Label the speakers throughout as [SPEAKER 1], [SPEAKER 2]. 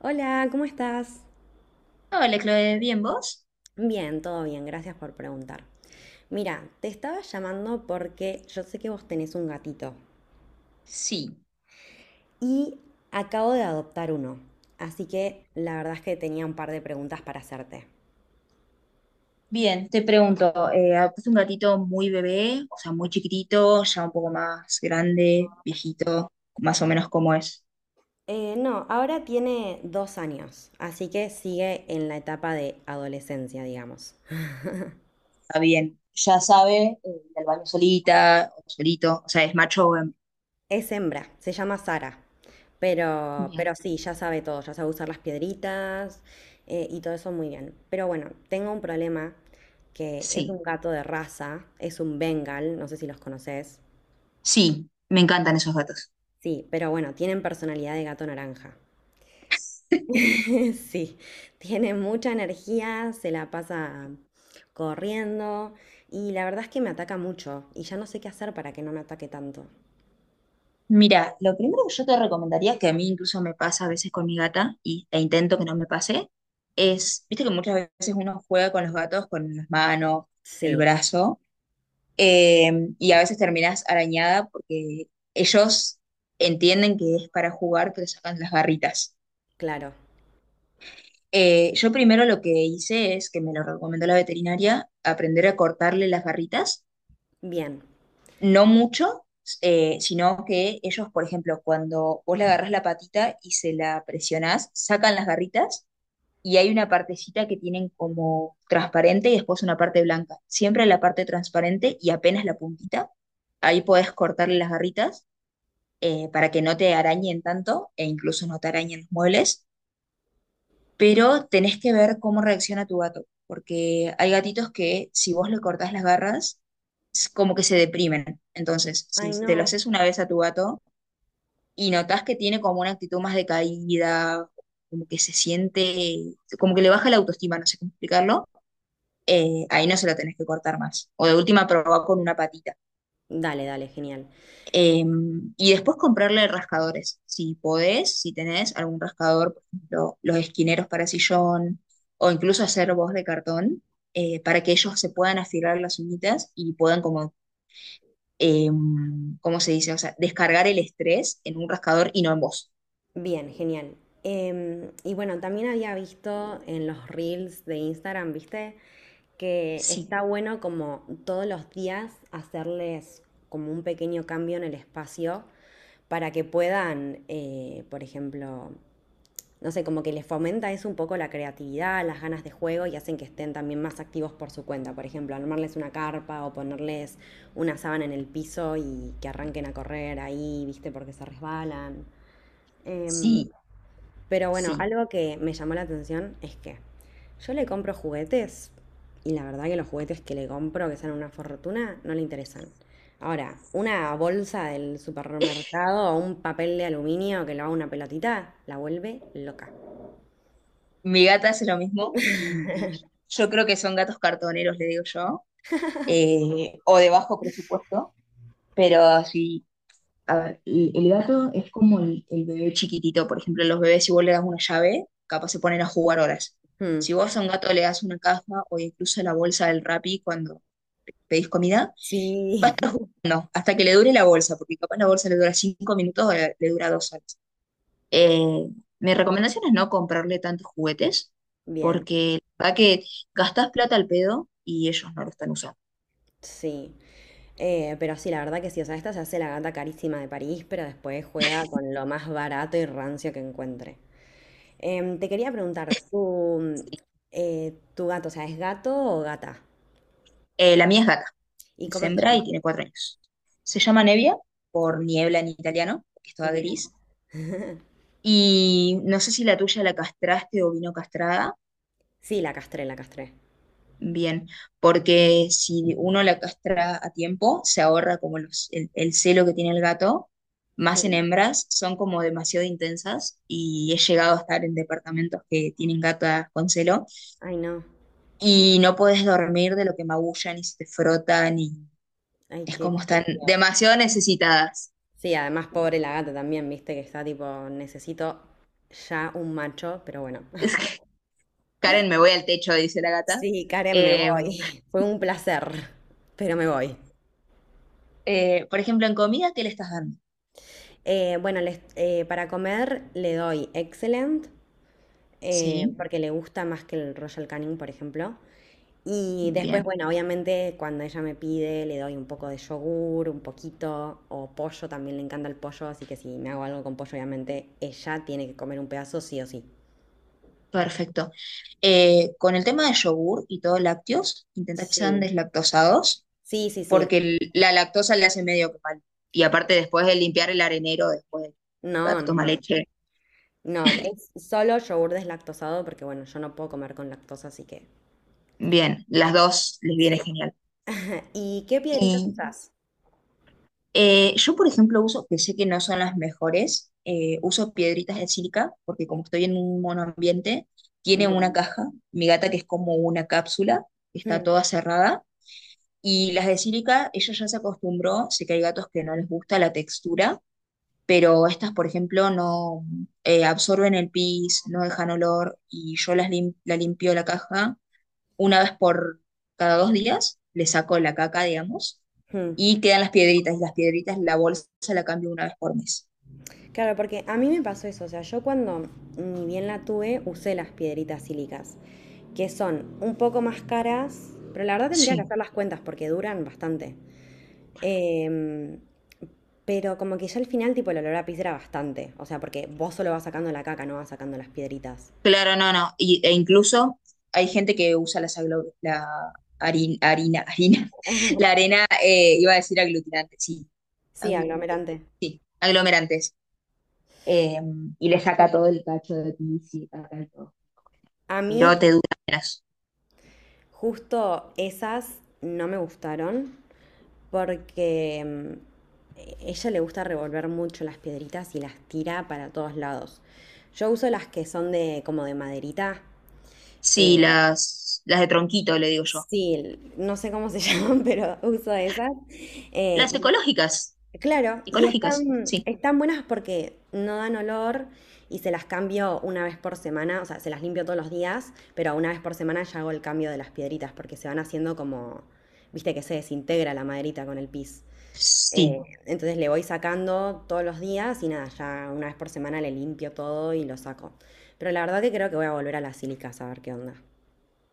[SPEAKER 1] Hola, ¿cómo estás?
[SPEAKER 2] Hola, Chloe, ¿bien vos?
[SPEAKER 1] Bien, todo bien, gracias por preguntar. Mira, te estaba llamando porque yo sé que vos tenés un gatito
[SPEAKER 2] Sí,
[SPEAKER 1] y acabo de adoptar uno, así que la verdad es que tenía un par de preguntas para hacerte.
[SPEAKER 2] bien, te pregunto, ¿adoptaste un gatito muy bebé, o sea, muy chiquitito, ya un poco más grande, viejito, más o menos cómo es?
[SPEAKER 1] No, ahora tiene 2 años, así que sigue en la etapa de adolescencia, digamos.
[SPEAKER 2] Está bien, ya sabe, ir al baño solita o solito, o sea, es macho o hembra.
[SPEAKER 1] Es hembra, se llama Sara. Pero,
[SPEAKER 2] Bien,
[SPEAKER 1] pero sí, ya sabe todo, ya sabe usar las piedritas y todo eso muy bien. Pero bueno, tengo un problema que es
[SPEAKER 2] sí,
[SPEAKER 1] un gato de raza, es un Bengal, no sé si los conoces.
[SPEAKER 2] sí, me encantan esos gatos.
[SPEAKER 1] Sí, pero bueno, tienen personalidad de gato naranja. Sí, tiene mucha energía, se la pasa corriendo y la verdad es que me ataca mucho y ya no sé qué hacer para que no me ataque tanto.
[SPEAKER 2] Mira, lo primero que yo te recomendaría, que a mí incluso me pasa a veces con mi gata, e intento que no me pase, es, viste que muchas veces uno juega con los gatos con las manos, el
[SPEAKER 1] Sí,
[SPEAKER 2] brazo. Eh, y a veces terminas arañada porque ellos entienden que es para jugar, pero sacan las barritas.
[SPEAKER 1] claro.
[SPEAKER 2] Yo primero lo que hice es, que me lo recomendó la veterinaria, aprender a cortarle las barritas,
[SPEAKER 1] Bien.
[SPEAKER 2] no mucho, sino que ellos, por ejemplo, cuando vos le agarrás la patita y se la presionás, sacan las garritas y hay una partecita que tienen como transparente y después una parte blanca. Siempre la parte transparente y apenas la puntita, ahí podés cortarle las garritas para que no te arañen tanto e incluso no te arañen los muebles, pero tenés que ver cómo reacciona tu gato, porque hay gatitos que si vos le cortás las garras, es como que se deprimen. Entonces, si
[SPEAKER 1] Ay,
[SPEAKER 2] te lo
[SPEAKER 1] no.
[SPEAKER 2] haces una vez a tu gato y notás que tiene como una actitud más decaída, como que se siente, como que le baja la autoestima, no sé cómo explicarlo, ahí no se lo tenés que cortar más. O de última, probá con una patita.
[SPEAKER 1] Dale, dale, genial.
[SPEAKER 2] Eh, y después comprarle rascadores, si podés, si tenés algún rascador, por ejemplo, los esquineros para sillón, o incluso hacer voz de cartón, para que ellos se puedan afilar las uñitas y puedan como, eh, ¿cómo se dice? O sea, descargar el estrés en un rascador y no en vos.
[SPEAKER 1] Bien, genial. Y bueno, también había visto en los reels de Instagram, ¿viste? Que
[SPEAKER 2] Sí,
[SPEAKER 1] está bueno como todos los días hacerles como un pequeño cambio en el espacio para que puedan, por ejemplo, no sé, como que les fomenta eso un poco la creatividad, las ganas de juego y hacen que estén también más activos por su cuenta. Por ejemplo, armarles una carpa o ponerles una sábana en el piso y que arranquen a correr ahí, ¿viste? Porque se resbalan. Em,
[SPEAKER 2] sí,
[SPEAKER 1] pero bueno,
[SPEAKER 2] sí.
[SPEAKER 1] algo que me llamó la atención es que yo le compro juguetes y la verdad que los juguetes que le compro, que salen una fortuna, no le interesan. Ahora, una bolsa del supermercado o un papel de aluminio que lo haga una pelotita, la vuelve loca.
[SPEAKER 2] Mi gata hace lo mismo y yo creo que son gatos cartoneros, le digo yo, o de bajo presupuesto, pero si. A ver, el gato es como el bebé chiquitito. Por ejemplo, los bebés, si vos le das una llave, capaz se ponen a jugar horas.
[SPEAKER 1] Hmm.
[SPEAKER 2] Si vos a un gato le das una caja o incluso la bolsa del Rappi cuando pedís comida, va a
[SPEAKER 1] Sí,
[SPEAKER 2] estar jugando hasta que le dure la bolsa, porque capaz la bolsa le dura 5 minutos o le dura 2 horas. Eh, Mi recomendación es no comprarle tantos juguetes,
[SPEAKER 1] bien,
[SPEAKER 2] porque la verdad que gastás plata al pedo y ellos no lo están usando.
[SPEAKER 1] sí. Pero sí, la verdad que sí, o sea, esta se hace la gata carísima de París, pero después juega con lo más barato y rancio que encuentre. Te quería preguntar, ¿tu gato, o sea, ¿es gato o gata?
[SPEAKER 2] La mía es gata.
[SPEAKER 1] ¿Y
[SPEAKER 2] Es
[SPEAKER 1] cómo se
[SPEAKER 2] hembra y
[SPEAKER 1] llama?
[SPEAKER 2] tiene 4 años. Se llama Nevia, por niebla en italiano, que es toda
[SPEAKER 1] Bien.
[SPEAKER 2] gris. Y no sé si la tuya la castraste o vino castrada.
[SPEAKER 1] Sí, la castré, la castré.
[SPEAKER 2] Bien, porque si uno la castra a tiempo, se ahorra como el celo que tiene el gato, más en
[SPEAKER 1] Hmm.
[SPEAKER 2] hembras, son como demasiado intensas y he llegado a estar en departamentos que tienen gatas con celo
[SPEAKER 1] Ay, no.
[SPEAKER 2] y no puedes dormir de lo que magullan y se te frotan y
[SPEAKER 1] Ay,
[SPEAKER 2] es
[SPEAKER 1] qué,
[SPEAKER 2] como
[SPEAKER 1] qué
[SPEAKER 2] están
[SPEAKER 1] feo.
[SPEAKER 2] demasiado necesitadas.
[SPEAKER 1] Sí, además, pobre la gata también, viste que está tipo, necesito ya un macho, pero bueno.
[SPEAKER 2] Karen, me voy al techo, dice la gata.
[SPEAKER 1] Sí, Karen, me
[SPEAKER 2] Eh,
[SPEAKER 1] voy. Fue un placer, pero me voy.
[SPEAKER 2] por ejemplo, en comida, ¿qué le estás dando?
[SPEAKER 1] Bueno, para comer le doy Excellent,
[SPEAKER 2] Sí,
[SPEAKER 1] porque le gusta más que el Royal Canin, por ejemplo. Y después,
[SPEAKER 2] bien,
[SPEAKER 1] bueno, obviamente cuando ella me pide, le doy un poco de yogur, un poquito, o pollo, también le encanta el pollo, así que si me hago algo con pollo, obviamente ella tiene que comer un pedazo sí o sí.
[SPEAKER 2] perfecto. Con el tema de yogur y todo lácteos, intenta que sean
[SPEAKER 1] Sí,
[SPEAKER 2] deslactosados,
[SPEAKER 1] sí, sí, sí.
[SPEAKER 2] porque la lactosa le hace medio que mal. Y aparte, después de limpiar el arenero, después el
[SPEAKER 1] No,
[SPEAKER 2] gato
[SPEAKER 1] no,
[SPEAKER 2] toma
[SPEAKER 1] no.
[SPEAKER 2] leche,
[SPEAKER 1] No, es solo yogur deslactosado porque, bueno, yo no puedo comer con lactosa, así que
[SPEAKER 2] bien, las
[SPEAKER 1] Eh,
[SPEAKER 2] dos les viene
[SPEAKER 1] sí.
[SPEAKER 2] genial.
[SPEAKER 1] ¿Y qué piedritas
[SPEAKER 2] Y
[SPEAKER 1] usás?
[SPEAKER 2] yo, por ejemplo, uso, que sé que no son las mejores, uso piedritas de sílica, porque como estoy en un monoambiente, tiene una
[SPEAKER 1] Bien.
[SPEAKER 2] caja, mi gata que es como una cápsula, está
[SPEAKER 1] Mm,
[SPEAKER 2] toda cerrada, y las de sílica, ella ya se acostumbró, sé que hay gatos que no les gusta la textura, pero estas, por ejemplo, no absorben el pis, no dejan olor, y yo la limpio la caja una vez por cada 2 días, le saco la caca, digamos,
[SPEAKER 1] mm.
[SPEAKER 2] y quedan las piedritas, y las piedritas, la bolsa la cambio una vez por mes.
[SPEAKER 1] Claro, porque a mí me pasó eso, o sea, yo cuando ni bien la tuve, usé las piedritas sílicas, que son un poco más caras, pero la verdad tendría que
[SPEAKER 2] Sí,
[SPEAKER 1] hacer las cuentas porque duran bastante. Em, pero como que ya al final, tipo, el olor a pis era bastante, o sea, porque vos solo vas sacando la caca, no vas sacando las piedritas.
[SPEAKER 2] claro, no, no, e incluso hay gente que usa la harina, la arena, iba a decir aglutinante, sí,
[SPEAKER 1] Sí,
[SPEAKER 2] aglu-
[SPEAKER 1] aglomerante.
[SPEAKER 2] sí, aglomerantes, eh, y le saca
[SPEAKER 1] Sí.
[SPEAKER 2] todo el cacho de aquí, sí, acá y todo.
[SPEAKER 1] A mí
[SPEAKER 2] Pero te duras.
[SPEAKER 1] justo esas no me gustaron, porque mm, ella le gusta revolver mucho las piedritas y las tira para todos lados. Yo uso las que son de como de maderita. eh,
[SPEAKER 2] Sí, las de tronquito, le digo yo.
[SPEAKER 1] sí, no sé cómo se llaman, pero uso esas. eh,
[SPEAKER 2] Las
[SPEAKER 1] y,
[SPEAKER 2] ecológicas,
[SPEAKER 1] claro, y
[SPEAKER 2] ecológicas,
[SPEAKER 1] están,
[SPEAKER 2] sí.
[SPEAKER 1] están buenas porque no dan olor y se las cambio una vez por semana, o sea, se las limpio todos los días, pero una vez por semana ya hago el cambio de las piedritas porque se van haciendo como, viste que se desintegra la maderita con el pis.
[SPEAKER 2] Sí.
[SPEAKER 1] Entonces le voy sacando todos los días y nada, ya una vez por semana le limpio todo y lo saco. Pero la verdad que creo que voy a volver a las sílicas a ver qué onda.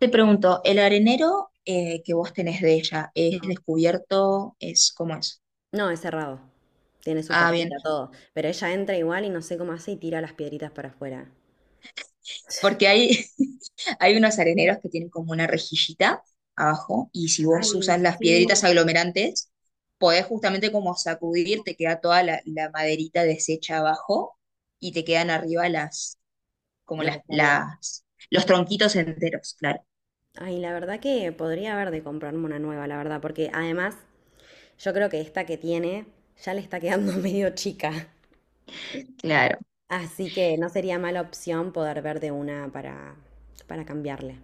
[SPEAKER 2] Te pregunto, ¿el arenero que vos tenés de ella es
[SPEAKER 1] No,
[SPEAKER 2] descubierto? ¿Es cómo es?
[SPEAKER 1] no, es cerrado. Tiene su
[SPEAKER 2] Ah, bien.
[SPEAKER 1] puertita, todo. Pero ella entra igual y no sé cómo hace y tira las piedritas para afuera.
[SPEAKER 2] Porque hay unos areneros que tienen como una rejillita abajo y si vos
[SPEAKER 1] Ay,
[SPEAKER 2] usas las
[SPEAKER 1] sí.
[SPEAKER 2] piedritas aglomerantes, podés justamente como sacudir, te queda toda la maderita deshecha abajo y te quedan arriba las, como
[SPEAKER 1] Lo que
[SPEAKER 2] las,
[SPEAKER 1] está bien.
[SPEAKER 2] las, los tronquitos enteros,
[SPEAKER 1] Ay, la verdad que podría haber de comprarme una nueva, la verdad, porque además yo creo que esta que tiene ya le está quedando medio chica.
[SPEAKER 2] claro.
[SPEAKER 1] Así que no sería mala opción poder ver de una para cambiarle.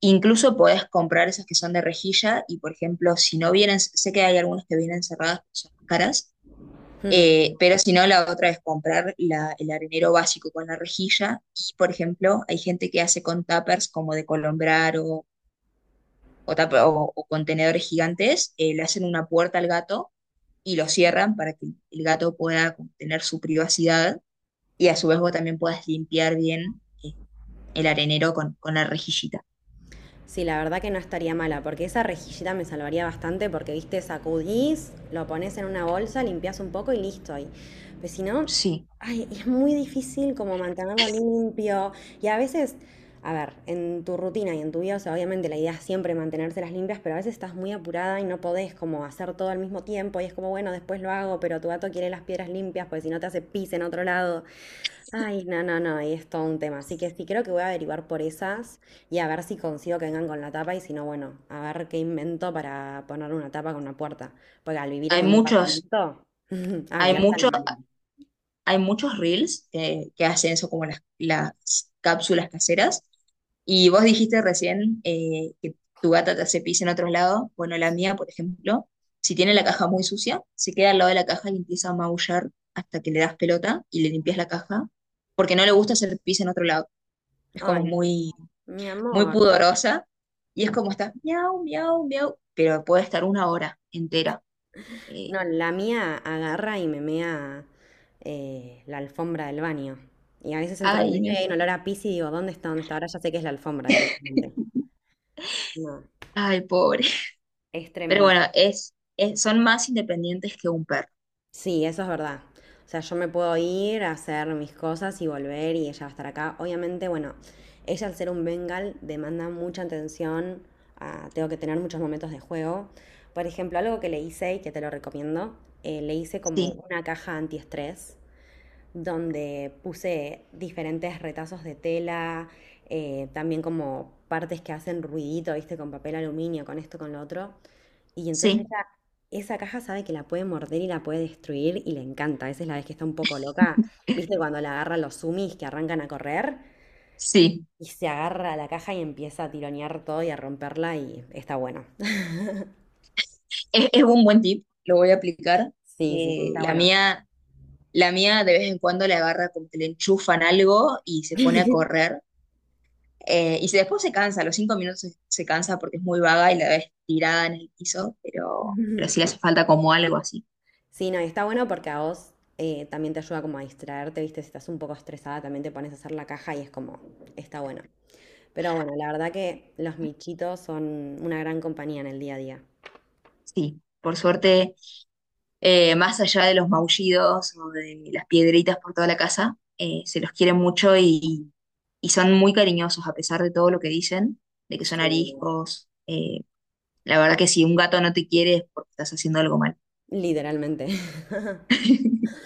[SPEAKER 2] Incluso podés comprar esas que son de rejilla y, por ejemplo, si no vienen, sé que hay algunas que vienen cerradas, que son más caras,
[SPEAKER 1] Mm.
[SPEAKER 2] pero si no, la otra es comprar el arenero básico con la rejilla y, por ejemplo, hay gente que hace con tuppers como de colombrar o contenedores gigantes, le hacen una puerta al gato y lo cierran para que el gato pueda como tener su privacidad y a su vez vos también puedas limpiar bien el arenero con la rejillita.
[SPEAKER 1] Sí, la verdad que no estaría mala, porque esa rejillita me salvaría bastante, porque viste, sacudís, lo pones en una bolsa, limpias un poco y listo. Y pues si no,
[SPEAKER 2] Sí,
[SPEAKER 1] ay, es muy difícil como mantenerlo limpio. Y a veces, a ver, en tu rutina y en tu vida, o sea, obviamente la idea es siempre mantenérselas limpias, pero a veces estás muy apurada y no podés como hacer todo al mismo tiempo. Y es como, bueno, después lo hago, pero tu gato quiere las piedras limpias, porque si no te hace pis en otro lado. Ay, no, no, no, ahí es todo un tema. Así que sí, creo que voy a averiguar por esas y a ver si consigo que vengan con la tapa y si no, bueno, a ver qué invento para poner una tapa con una puerta. Porque al vivir
[SPEAKER 2] hay
[SPEAKER 1] en un
[SPEAKER 2] muchos.
[SPEAKER 1] departamento,
[SPEAKER 2] Hay
[SPEAKER 1] abierta no
[SPEAKER 2] muchos
[SPEAKER 1] manera.
[SPEAKER 2] hay muchos reels que hacen eso como las cápsulas caseras. Y vos dijiste recién que tu gata te hace pis en otro lado. Bueno, la mía, por ejemplo, si tiene la caja muy sucia, se queda al lado de la caja y empieza a maullar hasta que le das pelota y le limpias la caja, porque no le gusta hacer pis en otro lado. Es como
[SPEAKER 1] Ay,
[SPEAKER 2] muy,
[SPEAKER 1] mi
[SPEAKER 2] muy
[SPEAKER 1] amor.
[SPEAKER 2] pudorosa y es como está, miau, miau, miau, pero puede estar una hora entera. Eh,
[SPEAKER 1] No, la mía agarra y me mea la alfombra del baño. Y a veces entro al
[SPEAKER 2] Ay,
[SPEAKER 1] baño y
[SPEAKER 2] no,
[SPEAKER 1] hay un olor a pis y digo, ¿dónde está? ¿Dónde está? Ahora ya sé que es la alfombra directamente. No,
[SPEAKER 2] ay, pobre.
[SPEAKER 1] es
[SPEAKER 2] Pero
[SPEAKER 1] tremendo.
[SPEAKER 2] bueno, son más independientes que un perro.
[SPEAKER 1] Sí, eso es verdad. O sea, yo me puedo ir a hacer mis cosas y volver y ella va a estar acá. Obviamente, bueno, ella al ser un Bengal demanda mucha atención, ah, tengo que tener muchos momentos de juego. Por ejemplo, algo que le hice y que te lo recomiendo, le hice como
[SPEAKER 2] Sí,
[SPEAKER 1] una caja antiestrés donde puse diferentes retazos de tela, también como partes que hacen ruidito, viste, con papel aluminio, con esto, con lo otro. Y entonces
[SPEAKER 2] sí,
[SPEAKER 1] esa, esa caja sabe que la puede morder y la puede destruir y le encanta. Esa es la vez que está un poco loca. ¿Viste cuando la agarran los sumis que arrancan a correr?
[SPEAKER 2] sí.
[SPEAKER 1] Y se agarra a la caja y empieza a tironear todo y a romperla y está bueno.
[SPEAKER 2] Es un buen tip, lo voy a aplicar.
[SPEAKER 1] Sí, sí, sí,
[SPEAKER 2] Eh,
[SPEAKER 1] está
[SPEAKER 2] la
[SPEAKER 1] bueno.
[SPEAKER 2] mía, la mía de vez en cuando le agarra como que le enchufan algo y se pone a correr. Y después se cansa, a los 5 minutos se cansa porque es muy vaga y la ves tirada en el piso, pero sí le hace falta como algo así.
[SPEAKER 1] Sí, no, y está bueno porque a vos también te ayuda como a distraerte, ¿viste? Si estás un poco estresada, también te pones a hacer la caja y es como, está bueno. Pero bueno, la verdad que los michitos son una gran compañía en el día a día.
[SPEAKER 2] Sí, por suerte más allá de los maullidos o de las piedritas por toda la casa, se los quiere mucho y, son muy cariñosos a pesar de todo lo que dicen, de que son
[SPEAKER 1] Sí,
[SPEAKER 2] ariscos. La verdad que si un gato no te quiere es porque estás haciendo algo mal.
[SPEAKER 1] literalmente.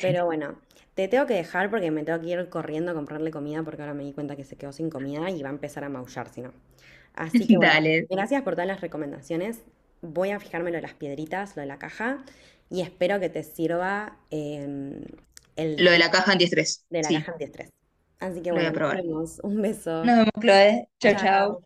[SPEAKER 1] Pero bueno, te tengo que dejar porque me tengo que ir corriendo a comprarle comida porque ahora me di cuenta que se quedó sin comida y va a empezar a maullar si no. Así que bueno,
[SPEAKER 2] Dale,
[SPEAKER 1] gracias por todas las recomendaciones. Voy a fijarme lo de las piedritas, lo de la caja y espero que te sirva el
[SPEAKER 2] lo de
[SPEAKER 1] tip
[SPEAKER 2] la caja antiestrés,
[SPEAKER 1] de la
[SPEAKER 2] sí,
[SPEAKER 1] caja antiestrés. Así que
[SPEAKER 2] lo voy
[SPEAKER 1] bueno,
[SPEAKER 2] a
[SPEAKER 1] nos
[SPEAKER 2] probar.
[SPEAKER 1] vemos. Un beso.
[SPEAKER 2] Nos vemos, Chloe. Chao, chao.
[SPEAKER 1] Chao.